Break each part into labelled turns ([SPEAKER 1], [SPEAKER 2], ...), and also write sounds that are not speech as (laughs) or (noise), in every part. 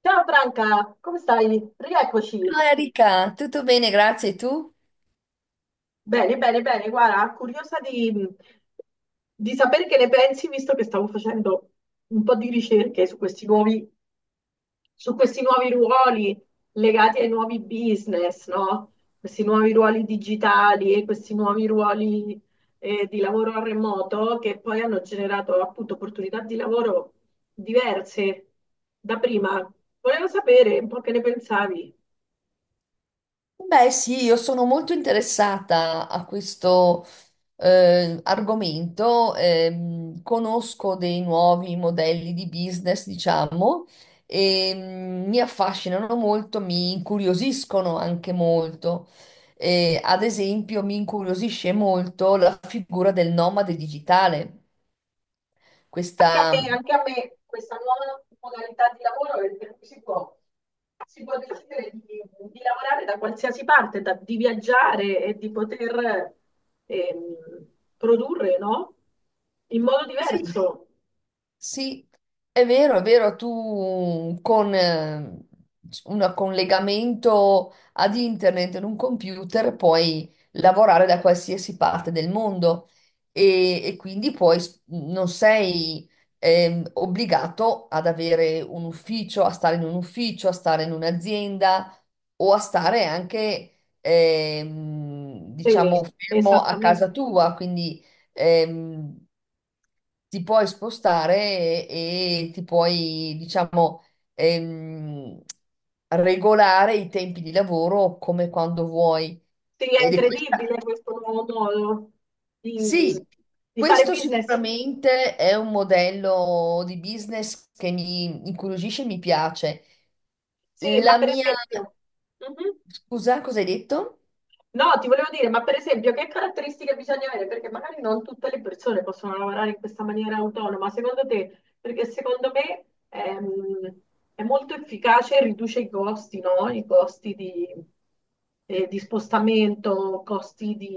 [SPEAKER 1] Ciao Franca, come stai? Rieccoci.
[SPEAKER 2] Ciao Erika, tutto bene, grazie. E tu?
[SPEAKER 1] Bene, bene, bene. Guarda, curiosa di sapere che ne pensi, visto che stavo facendo un po' di ricerche su questi su questi nuovi ruoli legati ai nuovi business, no? Questi nuovi ruoli digitali e questi nuovi ruoli di lavoro a remoto che poi hanno generato appunto opportunità di lavoro diverse da prima. Volevo sapere un po' che ne pensavi.
[SPEAKER 2] Beh, sì, io sono molto interessata a questo argomento. Conosco dei nuovi modelli di business, diciamo, e mi affascinano molto, mi incuriosiscono anche molto. Ad esempio, mi incuriosisce molto la figura del nomade digitale. Questa,
[SPEAKER 1] Anche a me questa nuova modalità di lavoro è per cui si può decidere di lavorare da qualsiasi parte, di viaggiare e di poter ehm, produrre, no? In modo
[SPEAKER 2] sì,
[SPEAKER 1] diverso.
[SPEAKER 2] Sì, è vero, è vero, tu con con un collegamento ad internet in un computer puoi lavorare da qualsiasi parte del mondo e quindi poi non sei obbligato ad avere un ufficio, a stare in un ufficio, a stare in un'azienda o a stare anche,
[SPEAKER 1] Sì,
[SPEAKER 2] diciamo, fermo a
[SPEAKER 1] esattamente.
[SPEAKER 2] casa tua, quindi ehm, ti puoi spostare e ti puoi, diciamo, ehm, regolare i tempi di lavoro come quando vuoi.
[SPEAKER 1] Sì, è
[SPEAKER 2] Ed è
[SPEAKER 1] incredibile
[SPEAKER 2] questa,
[SPEAKER 1] questo nuovo modo di,
[SPEAKER 2] sì,
[SPEAKER 1] di fare
[SPEAKER 2] Questo
[SPEAKER 1] business.
[SPEAKER 2] sicuramente è un modello di business che mi incuriosisce e mi piace.
[SPEAKER 1] Sì, ma
[SPEAKER 2] La
[SPEAKER 1] per
[SPEAKER 2] mia,
[SPEAKER 1] esempio... Mhm.
[SPEAKER 2] Scusa, cosa hai detto?
[SPEAKER 1] No, ti volevo dire, ma per esempio, che caratteristiche bisogna avere? Perché magari non tutte le persone possono lavorare in questa maniera autonoma, secondo te? Perché secondo me è, molto efficace, riduce i costi, no? I di spostamento,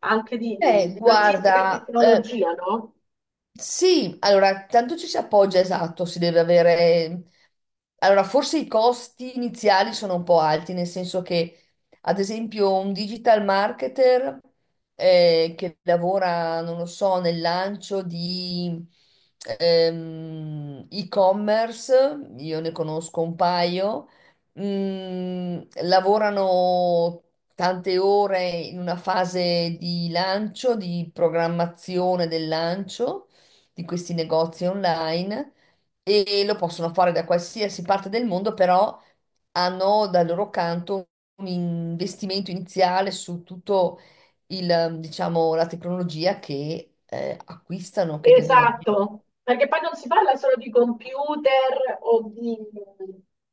[SPEAKER 1] anche di
[SPEAKER 2] Eh,
[SPEAKER 1] logistica e
[SPEAKER 2] guarda, eh,
[SPEAKER 1] tecnologia, no?
[SPEAKER 2] Sì, allora, tanto ci si appoggia, esatto, si deve avere... Allora, forse i costi iniziali sono un po' alti, nel senso che, ad esempio, un digital marketer che lavora, non lo so, nel lancio di e-commerce, io ne conosco un paio, lavorano tante ore in una fase di lancio, di programmazione del lancio di questi negozi online e lo possono fare da qualsiasi parte del mondo, però hanno dal loro canto un investimento iniziale su tutto il, diciamo, la tecnologia che acquistano, che devono avere.
[SPEAKER 1] Esatto, perché poi non si parla solo di computer o di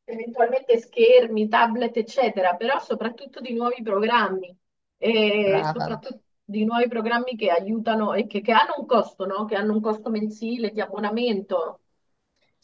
[SPEAKER 1] eventualmente schermi, tablet, eccetera, però soprattutto di nuovi programmi e
[SPEAKER 2] Brava.
[SPEAKER 1] soprattutto di nuovi programmi che aiutano e che hanno un costo, no? Che hanno un costo mensile di abbonamento.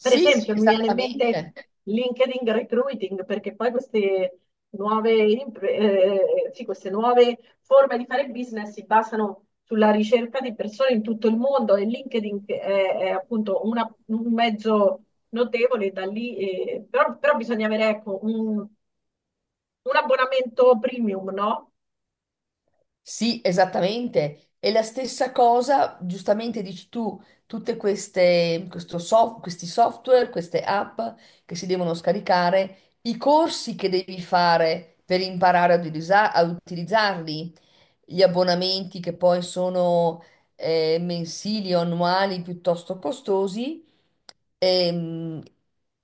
[SPEAKER 1] Per Sì. esempio, mi viene in mente
[SPEAKER 2] esattamente.
[SPEAKER 1] LinkedIn Recruiting, perché poi queste sì, queste nuove forme di fare business si basano sulla ricerca di persone in tutto il mondo e è appunto un mezzo notevole da lì, però bisogna avere ecco, un abbonamento premium, no?
[SPEAKER 2] Sì, esattamente. E la stessa cosa, giustamente dici tu, tutte queste, questo questi software, queste app che si devono scaricare, i corsi che devi fare per imparare ad a utilizzarli, gli abbonamenti che poi sono mensili o annuali piuttosto costosi. Ehm,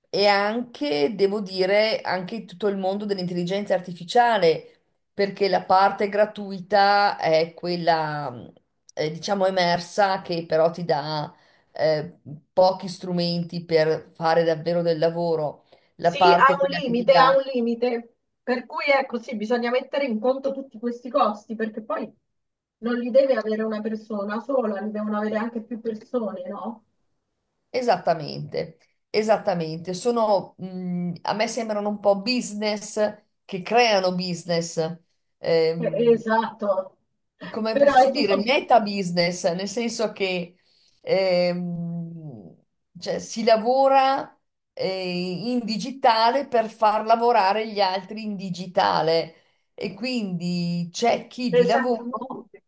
[SPEAKER 2] e anche, devo dire, anche tutto il mondo dell'intelligenza artificiale, perché la parte gratuita è quella, diciamo, emersa che però ti dà eh, pochi strumenti per fare davvero del lavoro. La
[SPEAKER 1] Sì, ha
[SPEAKER 2] parte
[SPEAKER 1] un
[SPEAKER 2] quella che ti
[SPEAKER 1] limite, ha
[SPEAKER 2] dà
[SPEAKER 1] un limite. Per cui ecco, sì, bisogna mettere in conto tutti questi costi, perché poi non li deve avere una persona sola, li devono avere anche più persone, no?
[SPEAKER 2] esattamente, esattamente. Sono, a me sembrano un po' business che creano business. Ehm,
[SPEAKER 1] Esatto.
[SPEAKER 2] Come
[SPEAKER 1] Però
[SPEAKER 2] posso
[SPEAKER 1] è tutto
[SPEAKER 2] dire, meta business, nel senso che ehm, cioè, si lavora in digitale per far lavorare gli altri in digitale e quindi c'è chi di lavoro
[SPEAKER 1] esattamente,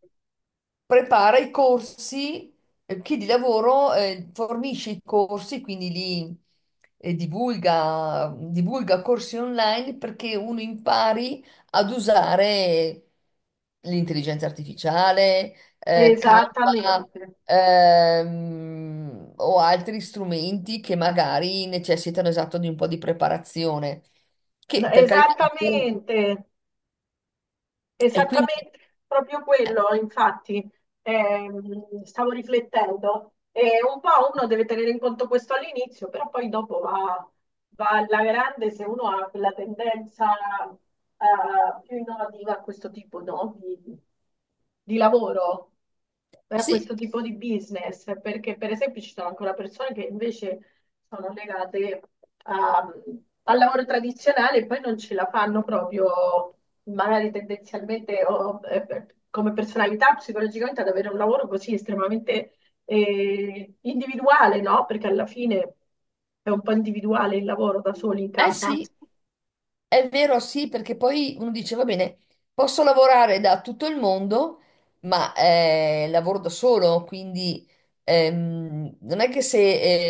[SPEAKER 2] prepara i corsi, chi di lavoro fornisce i corsi, quindi li divulga, divulga corsi online perché uno impari ad usare l'intelligenza artificiale, Canva,
[SPEAKER 1] esattamente.
[SPEAKER 2] o altri strumenti che magari necessitano esatto di un po' di preparazione,
[SPEAKER 1] No,
[SPEAKER 2] che per carità,
[SPEAKER 1] esattamente.
[SPEAKER 2] e quindi
[SPEAKER 1] Esattamente proprio quello, infatti, stavo riflettendo. E un po' uno deve tenere in conto questo all'inizio, però poi dopo va alla grande se uno ha quella tendenza più innovativa a questo tipo, no, di lavoro, a
[SPEAKER 2] sì,
[SPEAKER 1] questo tipo di business, perché per esempio ci sono ancora persone che invece sono legate a- al lavoro tradizionale e poi non ce la fanno proprio magari tendenzialmente o come personalità psicologicamente ad avere un lavoro così estremamente individuale, no? Perché alla fine è un po' individuale il lavoro da soli in
[SPEAKER 2] eh
[SPEAKER 1] casa.
[SPEAKER 2] sì. È vero, sì, perché poi uno dice, va bene, posso lavorare da tutto il mondo, ma lavoro da solo, quindi non è che se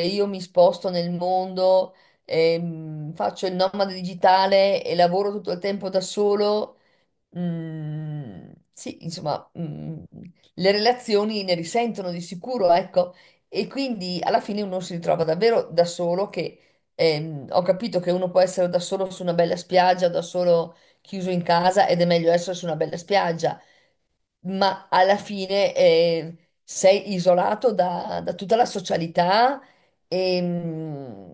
[SPEAKER 2] io mi sposto nel mondo, faccio il nomade digitale e lavoro tutto il tempo da solo, sì, insomma, le relazioni ne risentono di sicuro, ecco, e quindi alla fine uno si ritrova davvero da solo, che ho capito che uno può essere da solo su una bella spiaggia, da solo chiuso in casa ed è meglio essere su una bella spiaggia, ma alla fine sei isolato da tutta la socialità e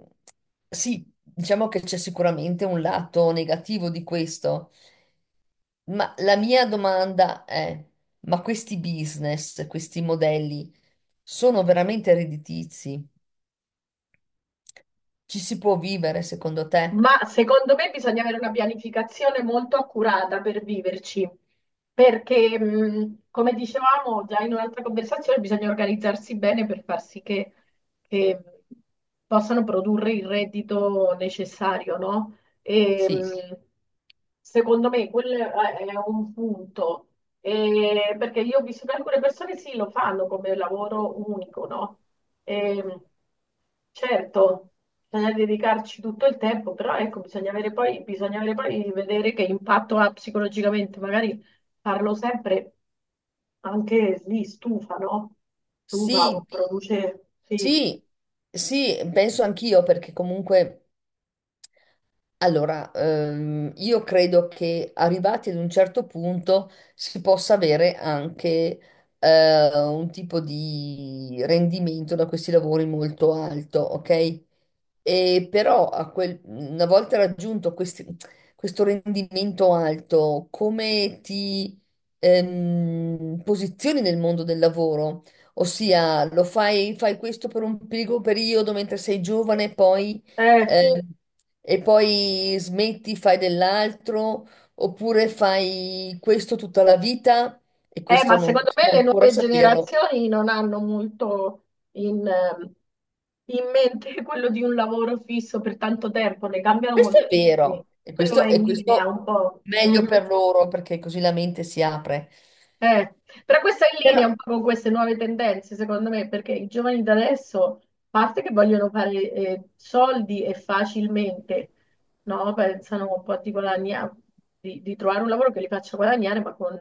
[SPEAKER 2] sì, diciamo che c'è sicuramente un lato negativo di questo. Ma la mia domanda è, Ma questi business, questi modelli sono veramente redditizi? Ci si può vivere secondo te?
[SPEAKER 1] Ma secondo me bisogna avere una pianificazione molto accurata per viverci, perché come dicevamo già in un'altra conversazione, bisogna organizzarsi bene per far sì che possano produrre il reddito necessario, no? E,
[SPEAKER 2] Sì.
[SPEAKER 1] secondo me quello è un punto. E, perché io ho visto che alcune persone sì, lo fanno come lavoro unico, no? E, certo, bisogna dedicarci tutto il tempo, però ecco, bisogna avere poi vedere che impatto ha psicologicamente, magari farlo sempre anche lì stufa, no? Stufa
[SPEAKER 2] Sì,
[SPEAKER 1] o produce, sì.
[SPEAKER 2] sì, sì, penso anch'io perché comunque. Allora, io credo che arrivati ad un certo punto si possa avere anche un tipo di rendimento da questi lavori molto alto, ok? E però a una volta raggiunto questo rendimento alto, come ti posizioni nel mondo del lavoro? Ossia, fai questo per un piccolo periodo mentre sei giovane, poi
[SPEAKER 1] Eh.
[SPEAKER 2] eh, e poi smetti, fai dell'altro, oppure fai questo tutta la vita e questo
[SPEAKER 1] Ma
[SPEAKER 2] non
[SPEAKER 1] secondo me
[SPEAKER 2] possiamo
[SPEAKER 1] le
[SPEAKER 2] ancora
[SPEAKER 1] nuove
[SPEAKER 2] saperlo.
[SPEAKER 1] generazioni non hanno molto in, ehm, in mente (laughs) quello di un lavoro fisso per tanto tempo, ne cambiano
[SPEAKER 2] Questo è
[SPEAKER 1] moltissimi.
[SPEAKER 2] vero
[SPEAKER 1] Quello è
[SPEAKER 2] e
[SPEAKER 1] in linea
[SPEAKER 2] questo
[SPEAKER 1] un po'.
[SPEAKER 2] meglio
[SPEAKER 1] Mhm.
[SPEAKER 2] per loro perché così la mente si apre.
[SPEAKER 1] Eh, però questa è in
[SPEAKER 2] Però
[SPEAKER 1] linea un po' con queste nuove tendenze, secondo me, perché i giovani da adesso, a parte che vogliono fare soldi e facilmente, no? Pensano un po' di guadagnare, di trovare un lavoro che li faccia guadagnare, ma con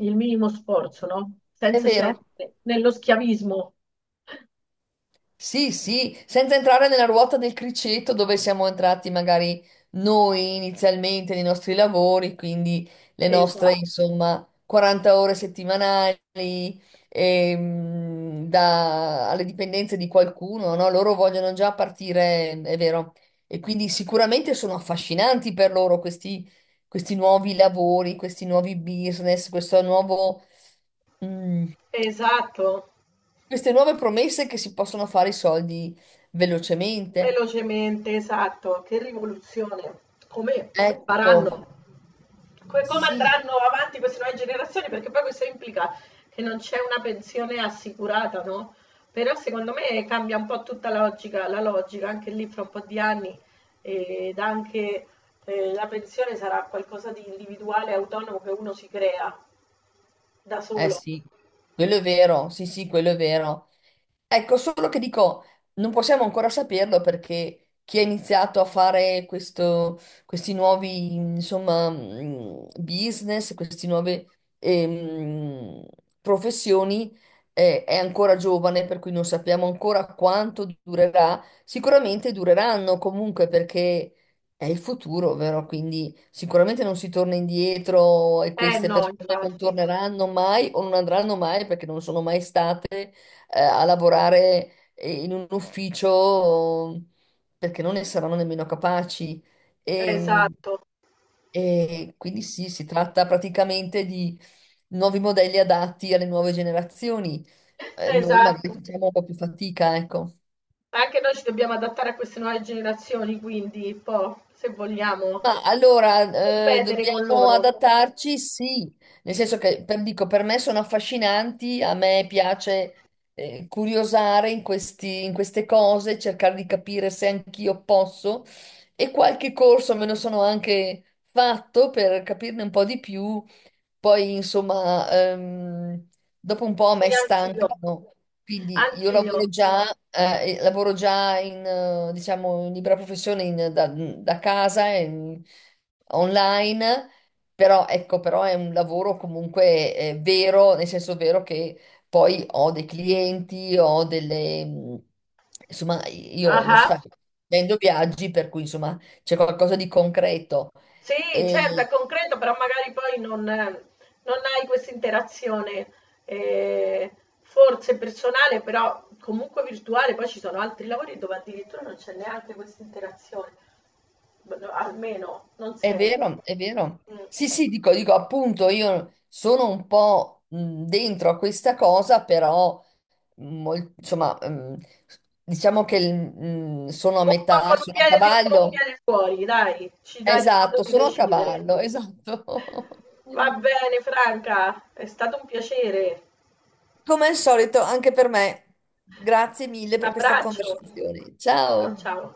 [SPEAKER 1] il minimo sforzo, no?
[SPEAKER 2] è
[SPEAKER 1] Senza
[SPEAKER 2] vero.
[SPEAKER 1] certe, nello schiavismo.
[SPEAKER 2] Sì, sì, senza entrare nella ruota del criceto dove siamo entrati magari noi inizialmente nei nostri lavori, quindi le nostre,
[SPEAKER 1] Esatto,
[SPEAKER 2] insomma, 40 ore settimanali alle dipendenze di qualcuno, no? Loro vogliono già partire, è vero. E quindi sicuramente sono affascinanti per loro questi, questi nuovi lavori, questi nuovi business, questo nuovo... mm,
[SPEAKER 1] esatto,
[SPEAKER 2] queste nuove promesse che si possono fare i soldi velocemente.
[SPEAKER 1] velocemente, esatto, che rivoluzione. Come
[SPEAKER 2] Ecco,
[SPEAKER 1] faranno? Come, come
[SPEAKER 2] sì,
[SPEAKER 1] andranno avanti queste nuove generazioni, perché poi questo implica che non c'è una pensione assicurata, no? Però secondo me cambia un po' tutta la logica anche lì fra un po' di anni ed anche la pensione sarà qualcosa di individuale, autonomo che uno si crea da
[SPEAKER 2] eh
[SPEAKER 1] solo.
[SPEAKER 2] sì, quello è vero, sì, sì, quello è vero. Ecco, solo che dico, non possiamo ancora saperlo perché chi ha iniziato a fare questi nuovi, insomma, business, queste nuove ehm, professioni, è ancora giovane, per cui non sappiamo ancora quanto durerà. Sicuramente dureranno comunque perché è il futuro, vero? Quindi sicuramente non si torna indietro e
[SPEAKER 1] Eh
[SPEAKER 2] queste
[SPEAKER 1] no,
[SPEAKER 2] persone non
[SPEAKER 1] infatti,
[SPEAKER 2] torneranno mai o non andranno mai perché non sono mai state a lavorare in un ufficio perché non ne saranno nemmeno capaci. E,
[SPEAKER 1] esatto,
[SPEAKER 2] e quindi sì, si tratta praticamente di nuovi modelli adatti alle nuove generazioni. Noi magari
[SPEAKER 1] esatto.
[SPEAKER 2] facciamo un po' più fatica, ecco.
[SPEAKER 1] Anche noi ci dobbiamo adattare a queste nuove generazioni, quindi un po', se vogliamo,
[SPEAKER 2] Ma allora,
[SPEAKER 1] ripetere con
[SPEAKER 2] dobbiamo
[SPEAKER 1] loro.
[SPEAKER 2] adattarci, sì, nel senso che per, dico, per me sono affascinanti, a me piace curiosare in in queste cose, cercare di capire se anch'io posso e qualche corso me lo sono anche fatto per capirne un po' di più poi, insomma, dopo un po' a
[SPEAKER 1] Sì,
[SPEAKER 2] me
[SPEAKER 1] anch'io.
[SPEAKER 2] stancano, quindi io
[SPEAKER 1] Anch'io.
[SPEAKER 2] lavoro già, e lavoro già in, diciamo, in libera professione da, da casa, online, però ecco, però è un lavoro comunque vero, nel senso vero che poi ho dei clienti, ho delle... insomma, io lo
[SPEAKER 1] Ah-ah.
[SPEAKER 2] sai, vendo viaggi, per cui insomma c'è qualcosa di concreto.
[SPEAKER 1] Sì, certo, è concreto, però magari poi non hai questa interazione eh, forse personale, però comunque virtuale. Poi ci sono altri lavori dove addirittura non c'è neanche questa interazione, no, almeno non
[SPEAKER 2] È
[SPEAKER 1] sempre.
[SPEAKER 2] vero, è vero.
[SPEAKER 1] Mm.
[SPEAKER 2] Sì, sì, dico, dico appunto, io sono un po' dentro a questa cosa, però insomma, diciamo che sono a
[SPEAKER 1] Un po'
[SPEAKER 2] metà,
[SPEAKER 1] con un
[SPEAKER 2] sono a
[SPEAKER 1] piede dentro, e un
[SPEAKER 2] cavallo.
[SPEAKER 1] piede fuori, dai, ci dai il modo
[SPEAKER 2] Esatto,
[SPEAKER 1] di
[SPEAKER 2] sono a
[SPEAKER 1] decidere.
[SPEAKER 2] cavallo, esatto. (laughs)
[SPEAKER 1] Va bene, Franca, è stato un piacere.
[SPEAKER 2] Come al solito, anche per me. Grazie mille
[SPEAKER 1] Un
[SPEAKER 2] per questa
[SPEAKER 1] abbraccio.
[SPEAKER 2] conversazione.
[SPEAKER 1] Ciao,
[SPEAKER 2] Ciao.
[SPEAKER 1] ciao.